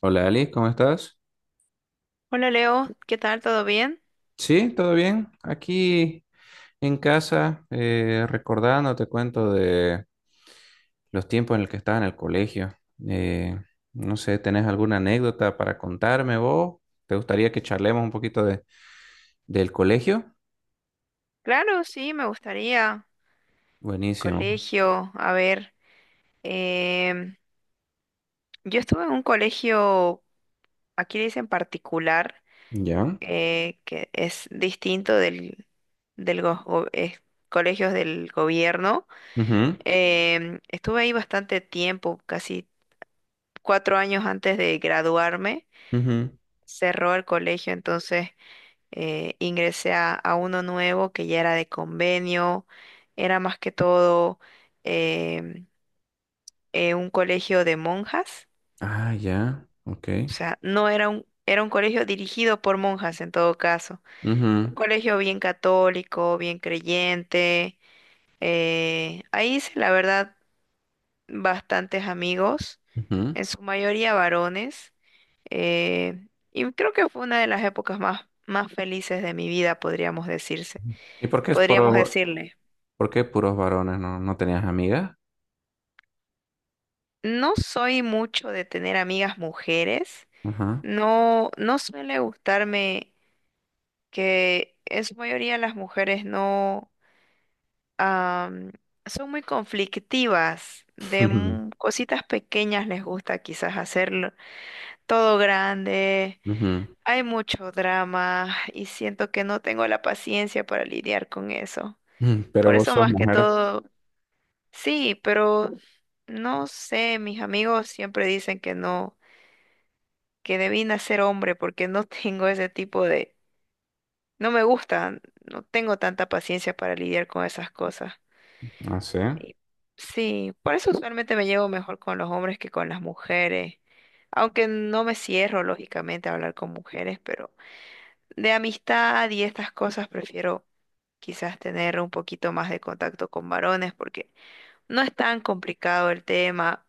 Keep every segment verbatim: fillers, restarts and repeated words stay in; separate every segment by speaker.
Speaker 1: Hola Ali, ¿cómo estás?
Speaker 2: Hola Leo, ¿qué tal? ¿Todo bien?
Speaker 1: Sí, todo bien. Aquí en casa, eh, recordando, te cuento de los tiempos en los que estaba en el colegio. Eh, no sé, ¿tenés alguna anécdota para contarme vos? ¿Te gustaría que charlemos un poquito de, del colegio?
Speaker 2: Claro, sí, me gustaría.
Speaker 1: Buenísimo.
Speaker 2: Colegio, a ver, em, yo estuve en un colegio, aquí le dicen particular,
Speaker 1: Ya.
Speaker 2: eh, que es distinto del, del go- go- eh, colegios del gobierno.
Speaker 1: Ujú,
Speaker 2: Em, estuve ahí bastante tiempo, casi cuatro años antes de graduarme,
Speaker 1: ujú.
Speaker 2: cerró el colegio, entonces eh, ingresé a, a uno nuevo que ya era de convenio, era más que todo em, eh, un colegio de monjas.
Speaker 1: Ah, ya. Ok.
Speaker 2: O sea, no era un, era un colegio dirigido por monjas en todo caso,
Speaker 1: Ujú,
Speaker 2: un colegio bien católico, bien creyente. Eh, ahí hice la verdad bastantes amigos,
Speaker 1: ujú.
Speaker 2: en su mayoría varones, eh, y creo que fue una de las épocas más, más felices de mi vida, podríamos decirse,
Speaker 1: ¿Y por qué es
Speaker 2: podríamos
Speaker 1: puro,
Speaker 2: decirle.
Speaker 1: por qué puros varones? ¿No, no tenías amigas?
Speaker 2: No soy mucho de tener amigas mujeres.
Speaker 1: Ajá.
Speaker 2: No, no suele gustarme que en su mayoría las mujeres no am, son muy conflictivas. De
Speaker 1: Ujú,
Speaker 2: mu- cositas pequeñas les gusta quizás hacerlo todo grande.
Speaker 1: ujú.
Speaker 2: Hay mucho drama y siento que no tengo la paciencia para lidiar con eso.
Speaker 1: Pero
Speaker 2: Por
Speaker 1: vos
Speaker 2: eso
Speaker 1: sos
Speaker 2: más que
Speaker 1: mujer.
Speaker 2: todo, sí, pero no sé, mis amigos siempre dicen que no, que debí nacer hombre porque no tengo ese tipo de. No me gusta, no tengo tanta paciencia para lidiar con esas cosas.
Speaker 1: Ah, sí.
Speaker 2: Y sí, por eso usualmente me llevo mejor con los hombres que con las mujeres. Aunque no me cierro, lógicamente, a hablar con mujeres, pero de amistad y estas cosas prefiero quizás tener un poquito más de contacto con varones porque no es tan complicado el tema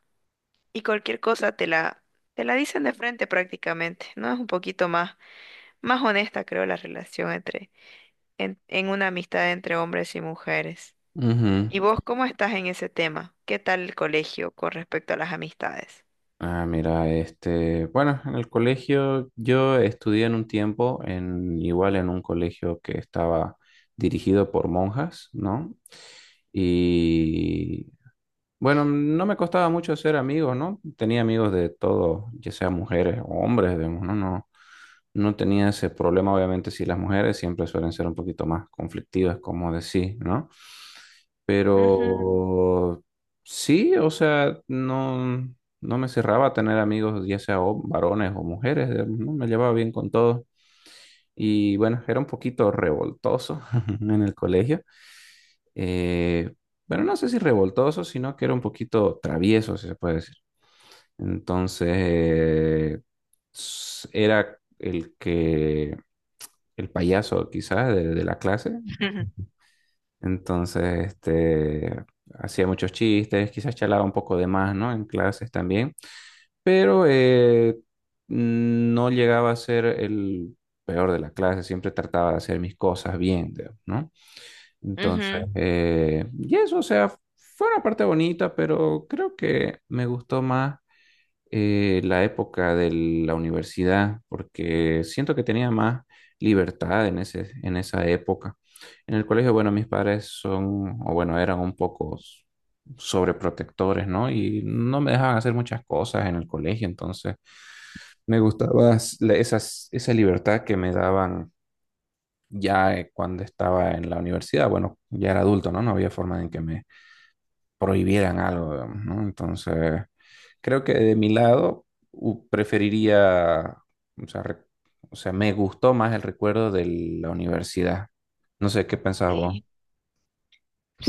Speaker 2: y cualquier cosa te la, te la dicen de frente prácticamente, ¿no? Es un poquito más más honesta creo la relación entre en, en una amistad entre hombres y mujeres.
Speaker 1: Ujú.
Speaker 2: ¿Y vos cómo estás en ese tema? ¿Qué tal el colegio con respecto a las amistades?
Speaker 1: Ah, mira, este, bueno, en el colegio yo estudié en un tiempo en igual en un colegio que estaba dirigido por monjas, ¿no? Y bueno, no me costaba mucho ser amigos, ¿no? Tenía amigos de todo, ya sea mujeres o hombres, digamos, ¿no? No, no tenía ese problema, obviamente, si las mujeres siempre suelen ser un poquito más conflictivas, como decís, ¿no?
Speaker 2: Ujú.
Speaker 1: Pero sí, o sea, no, no me cerraba a tener amigos, ya sea o- varones o mujeres, digamos, ¿no? Me llevaba bien con todos. Y bueno, era un poquito revoltoso en el colegio. Eh, bueno, no sé si revoltoso, sino que era un poquito travieso, si se puede decir. Entonces, eh, s- era el que el payaso quizás de, de la clase.
Speaker 2: Ujú.
Speaker 1: Entonces, este, hacía muchos chistes, quizás charlaba un poco de más, ¿no? En clases también, pero eh, no llegaba a ser el peor de la clase, siempre trataba de hacer mis cosas bien, digamos, ¿no? Entonces,
Speaker 2: Ujú.
Speaker 1: eh, y eso, o sea, fue una parte bonita, pero creo que me gustó más eh, la época de la universidad, porque siento que tenía más libertad en ese, en esa época. En el colegio, bueno, mis padres son, o bueno, eran un poco s- sobreprotectores, ¿no? Y no me dejaban hacer muchas cosas en el colegio, entonces me gustaba s- la- esas, esa libertad que me daban ya eh, cuando estaba en la universidad. Bueno, ya era adulto, ¿no? No había forma en que me prohibieran algo, digamos, ¿no? Entonces, creo que de mi lado u- preferiría, o sea, re- o sea, me gustó más el recuerdo de la universidad. No sé qué pensás vos.
Speaker 2: Sí.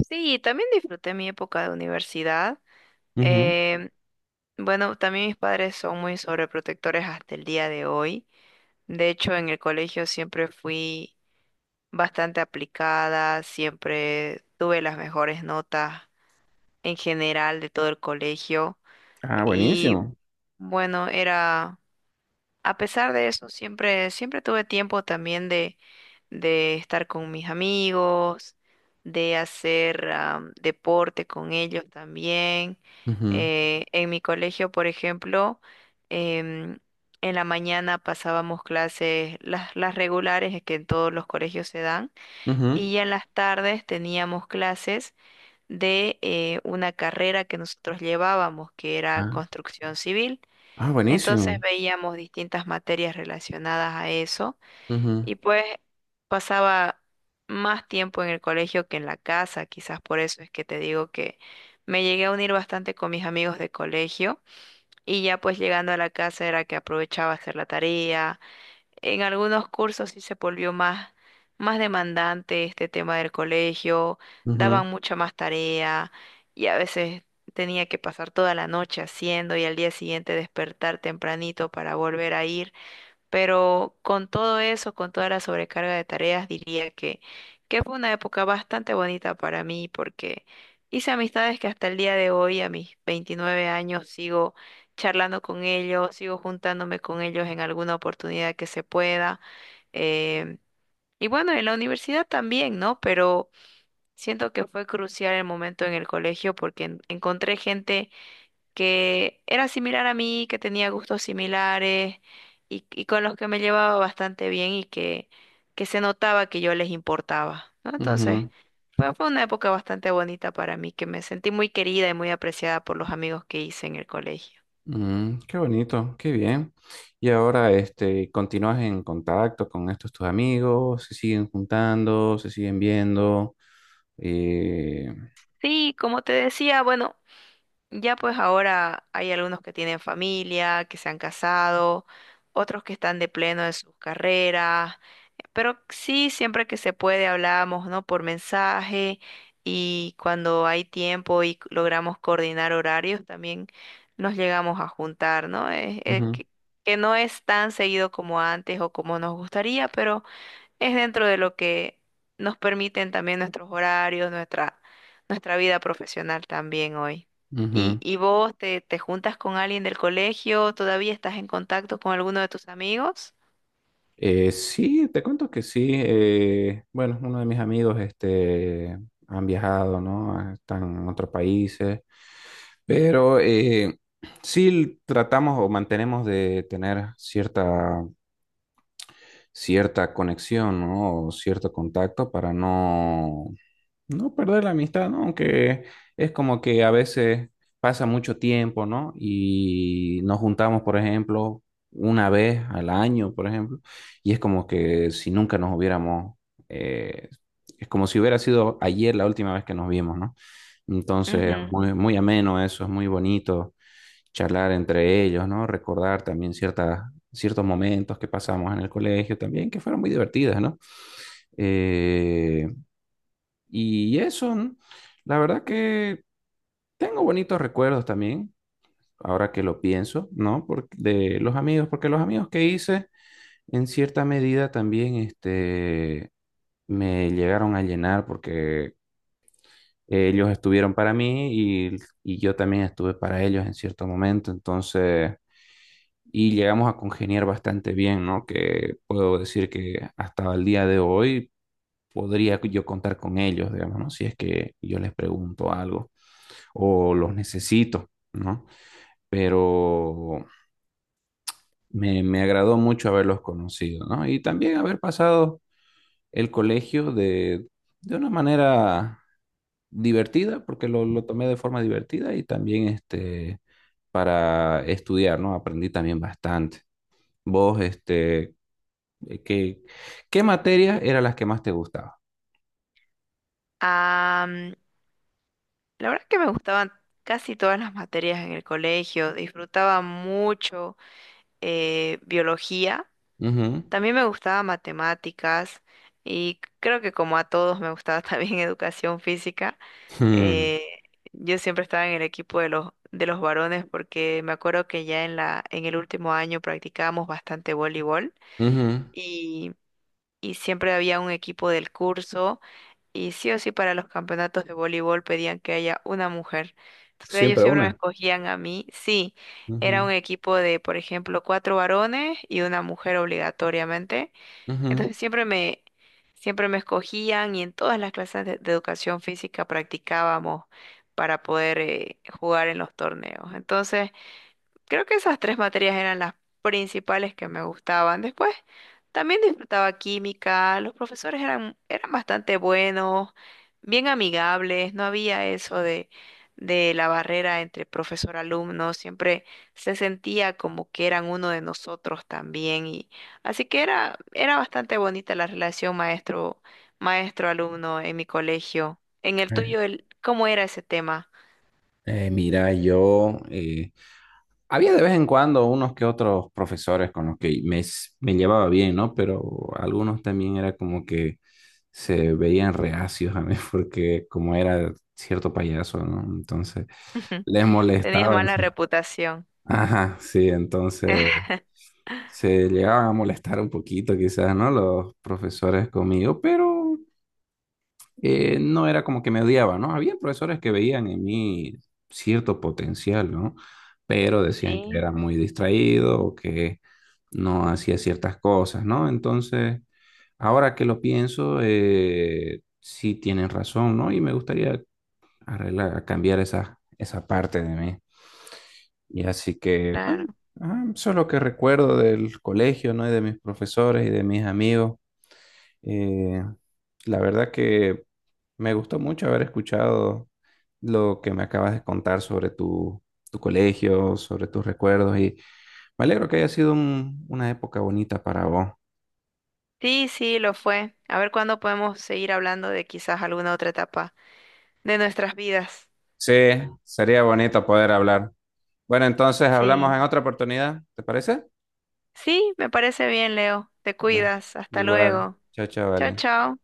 Speaker 2: Sí, también disfruté mi época de universidad.
Speaker 1: Ujú.
Speaker 2: Eh, bueno, también mis padres son muy sobreprotectores hasta el día de hoy. De hecho, en el colegio siempre fui bastante aplicada, siempre tuve las mejores notas en general de todo el colegio.
Speaker 1: Ah,
Speaker 2: Y
Speaker 1: buenísimo.
Speaker 2: bueno, era, a pesar de eso, siempre, siempre tuve tiempo también de, de estar con mis amigos, de hacer am, deporte con ellos también.
Speaker 1: Ujú,
Speaker 2: Eh, en mi colegio, por ejemplo, em, en la mañana pasábamos clases, las, las regulares que en todos los colegios se dan,
Speaker 1: ujú.
Speaker 2: y ya en las tardes teníamos clases de eh, una carrera que nosotros llevábamos, que era
Speaker 1: Ah,
Speaker 2: construcción civil.
Speaker 1: ah,
Speaker 2: Entonces
Speaker 1: buenísimo.
Speaker 2: veíamos distintas materias relacionadas a eso
Speaker 1: Ujú,
Speaker 2: y pues pasaba más tiempo en el colegio que en la casa, quizás por eso es que te digo que me llegué a unir bastante con mis amigos de colegio, y ya pues llegando a la casa era que aprovechaba a hacer la tarea. En algunos cursos sí se volvió más, más demandante este tema del colegio,
Speaker 1: ujú,
Speaker 2: daban mucha más tarea y a veces tenía que pasar toda la noche haciendo y al día siguiente despertar tempranito para volver a ir. Pero con todo eso, con toda la sobrecarga de tareas, diría que, que fue una época bastante bonita para mí porque hice amistades que hasta el día de hoy, a mis veintinueve años, sigo charlando con ellos, sigo juntándome con ellos en alguna oportunidad que se pueda. em, y bueno, en la universidad también, ¿no? Pero siento que fue crucial el momento en el colegio porque en- encontré gente que era similar a mí, que tenía gustos similares, y, y con los que me llevaba bastante bien y que, que se notaba que yo les importaba, ¿no? Entonces,
Speaker 1: ujú.
Speaker 2: fue, fue una época bastante bonita para mí, que me sentí muy querida y muy apreciada por los amigos que hice en el colegio.
Speaker 1: Mm, qué bonito, qué bien. Y ahora, este, ¿continúas en contacto con estos tus amigos? ¿Se siguen juntando? ¿Se siguen viendo? Eh,
Speaker 2: Sí, como te decía, bueno, ya pues ahora hay algunos que tienen familia, que se han casado, otros que están de pleno en sus carreras. Pero sí, siempre que se puede hablamos, ¿no? Por mensaje, y cuando hay tiempo y logramos coordinar horarios, también nos llegamos a juntar, ¿no? Es, es
Speaker 1: ujú.
Speaker 2: que, que no es tan seguido como antes o como nos gustaría, pero es dentro de lo que nos permiten también nuestros horarios, nuestra, nuestra vida profesional también hoy. ¿Y,
Speaker 1: Ujú.
Speaker 2: y vos te, te juntas con alguien del colegio? ¿Todavía estás en contacto con alguno de tus amigos?
Speaker 1: Eh, sí, te cuento que sí. eh, bueno, uno de mis amigos este, han viajado, ¿no? Ah, están en otros países, pero eh, sí tratamos o mantenemos de tener cierta, cierta conexión, ¿no? O cierto contacto para no no perder la amistad, ¿no? Aunque es como que a veces pasa mucho tiempo, ¿no? Y nos juntamos, por ejemplo, una vez al año, por ejemplo, y es como que si nunca nos hubiéramos, eh, es como si hubiera sido ayer la última vez que nos vimos, ¿no? Entonces, claro,
Speaker 2: Ujú.
Speaker 1: muy, muy ameno eso, es muy bonito charlar entre ellos, ¿no? Recordar también ciertas, ciertos momentos que pasamos en el colegio también, que fueron muy divertidas, ¿no? Eh, y eso, ¿no? La verdad que tengo bonitos recuerdos también, ahora que lo pienso, ¿no? Por- de los amigos, porque los amigos que hice, en cierta medida también, este, me llegaron a llenar porque ellos estuvieron para mí y, y yo también estuve para ellos en cierto momento, entonces, y llegamos a congeniar bastante bien, ¿no? Que puedo decir que hasta el día de hoy podría yo contar con ellos, digamos, ¿no? Si es que yo les pregunto algo, o los necesito, ¿no? Pero me, me agradó mucho haberlos conocido, ¿no? Y también haber pasado el colegio de, de una manera divertida, porque lo, lo tomé de forma divertida y también este, para estudiar, ¿no? Aprendí también bastante. ¿Vos, este, Eh, ¿Qué, qué materias eran las que más te gustaban?
Speaker 2: La verdad es que me gustaban casi todas las materias en el colegio, disfrutaba mucho eh, biología,
Speaker 1: Ujú.
Speaker 2: también me gustaba matemáticas y creo que como a todos me gustaba también educación física.
Speaker 1: Hmm.
Speaker 2: Eh, yo siempre estaba en el equipo de los, de los varones porque me acuerdo que ya en la, en el último año practicábamos bastante voleibol,
Speaker 1: Ujú.
Speaker 2: y, y siempre había un equipo del curso y sí o sí para los campeonatos de voleibol pedían que haya una mujer. Entonces ellos
Speaker 1: Siempre
Speaker 2: siempre me
Speaker 1: una.
Speaker 2: escogían a mí. Sí, era un
Speaker 1: Ujú.
Speaker 2: equipo de, por ejemplo, cuatro varones y una mujer obligatoriamente.
Speaker 1: Ujú.
Speaker 2: Entonces siempre me, siempre me escogían, y en todas las clases de, de educación física practicábamos para poder eh, jugar en los torneos. Entonces. Creo que esas tres materias eran las principales que me gustaban. Después también disfrutaba química, los profesores eran, eran bastante buenos, bien amigables, no había eso de, de la barrera entre profesor-alumno, siempre se sentía como que eran uno de nosotros también. Y, así que era, era bastante bonita la relación maestro, maestro-alumno en mi colegio. En el
Speaker 1: Eh,
Speaker 2: tuyo, el, ¿cómo era ese tema?
Speaker 1: eh, mira, yo eh, había de vez en cuando unos que otros profesores con los que me, s- me llevaba bien, ¿no? Pero algunos también era como que se veían reacios a mí porque como era cierto payaso, ¿no? Entonces les
Speaker 2: Tenías
Speaker 1: molestaba en
Speaker 2: mala
Speaker 1: sí.
Speaker 2: reputación.
Speaker 1: Ajá, sí, entonces se llegaban a molestar un poquito quizás, ¿no? Los profesores conmigo, pero eh, no era como que me odiaba, ¿no? Había profesores que veían en mí cierto potencial, ¿no? Pero decían que
Speaker 2: Sí,
Speaker 1: era muy distraído o que no hacía ciertas cosas, ¿no? Entonces, ahora que lo pienso, eh, sí tienen razón, ¿no? Y me gustaría arreglar, cambiar esa, esa parte de mí. Y así que, bueno,
Speaker 2: claro.
Speaker 1: ah, eso es lo que recuerdo del colegio, ¿no? Y de mis profesores y de mis amigos. Eh, la verdad que me gustó mucho haber escuchado lo que me acabas de contar sobre tu, tu colegio, sobre tus recuerdos y me alegro que haya sido un- una época bonita para vos.
Speaker 2: Sí, sí, lo fue. A ver cuándo podemos seguir hablando de quizás alguna otra etapa de nuestras vidas.
Speaker 1: Sí, sería bonito poder hablar. Bueno, entonces hablamos
Speaker 2: Sí,
Speaker 1: en otra oportunidad, ¿te parece?
Speaker 2: sí, me parece bien, Leo. Te
Speaker 1: Bueno,
Speaker 2: cuidas. Hasta
Speaker 1: igual.
Speaker 2: luego.
Speaker 1: Chao, chao,
Speaker 2: Chao,
Speaker 1: vale.
Speaker 2: chao.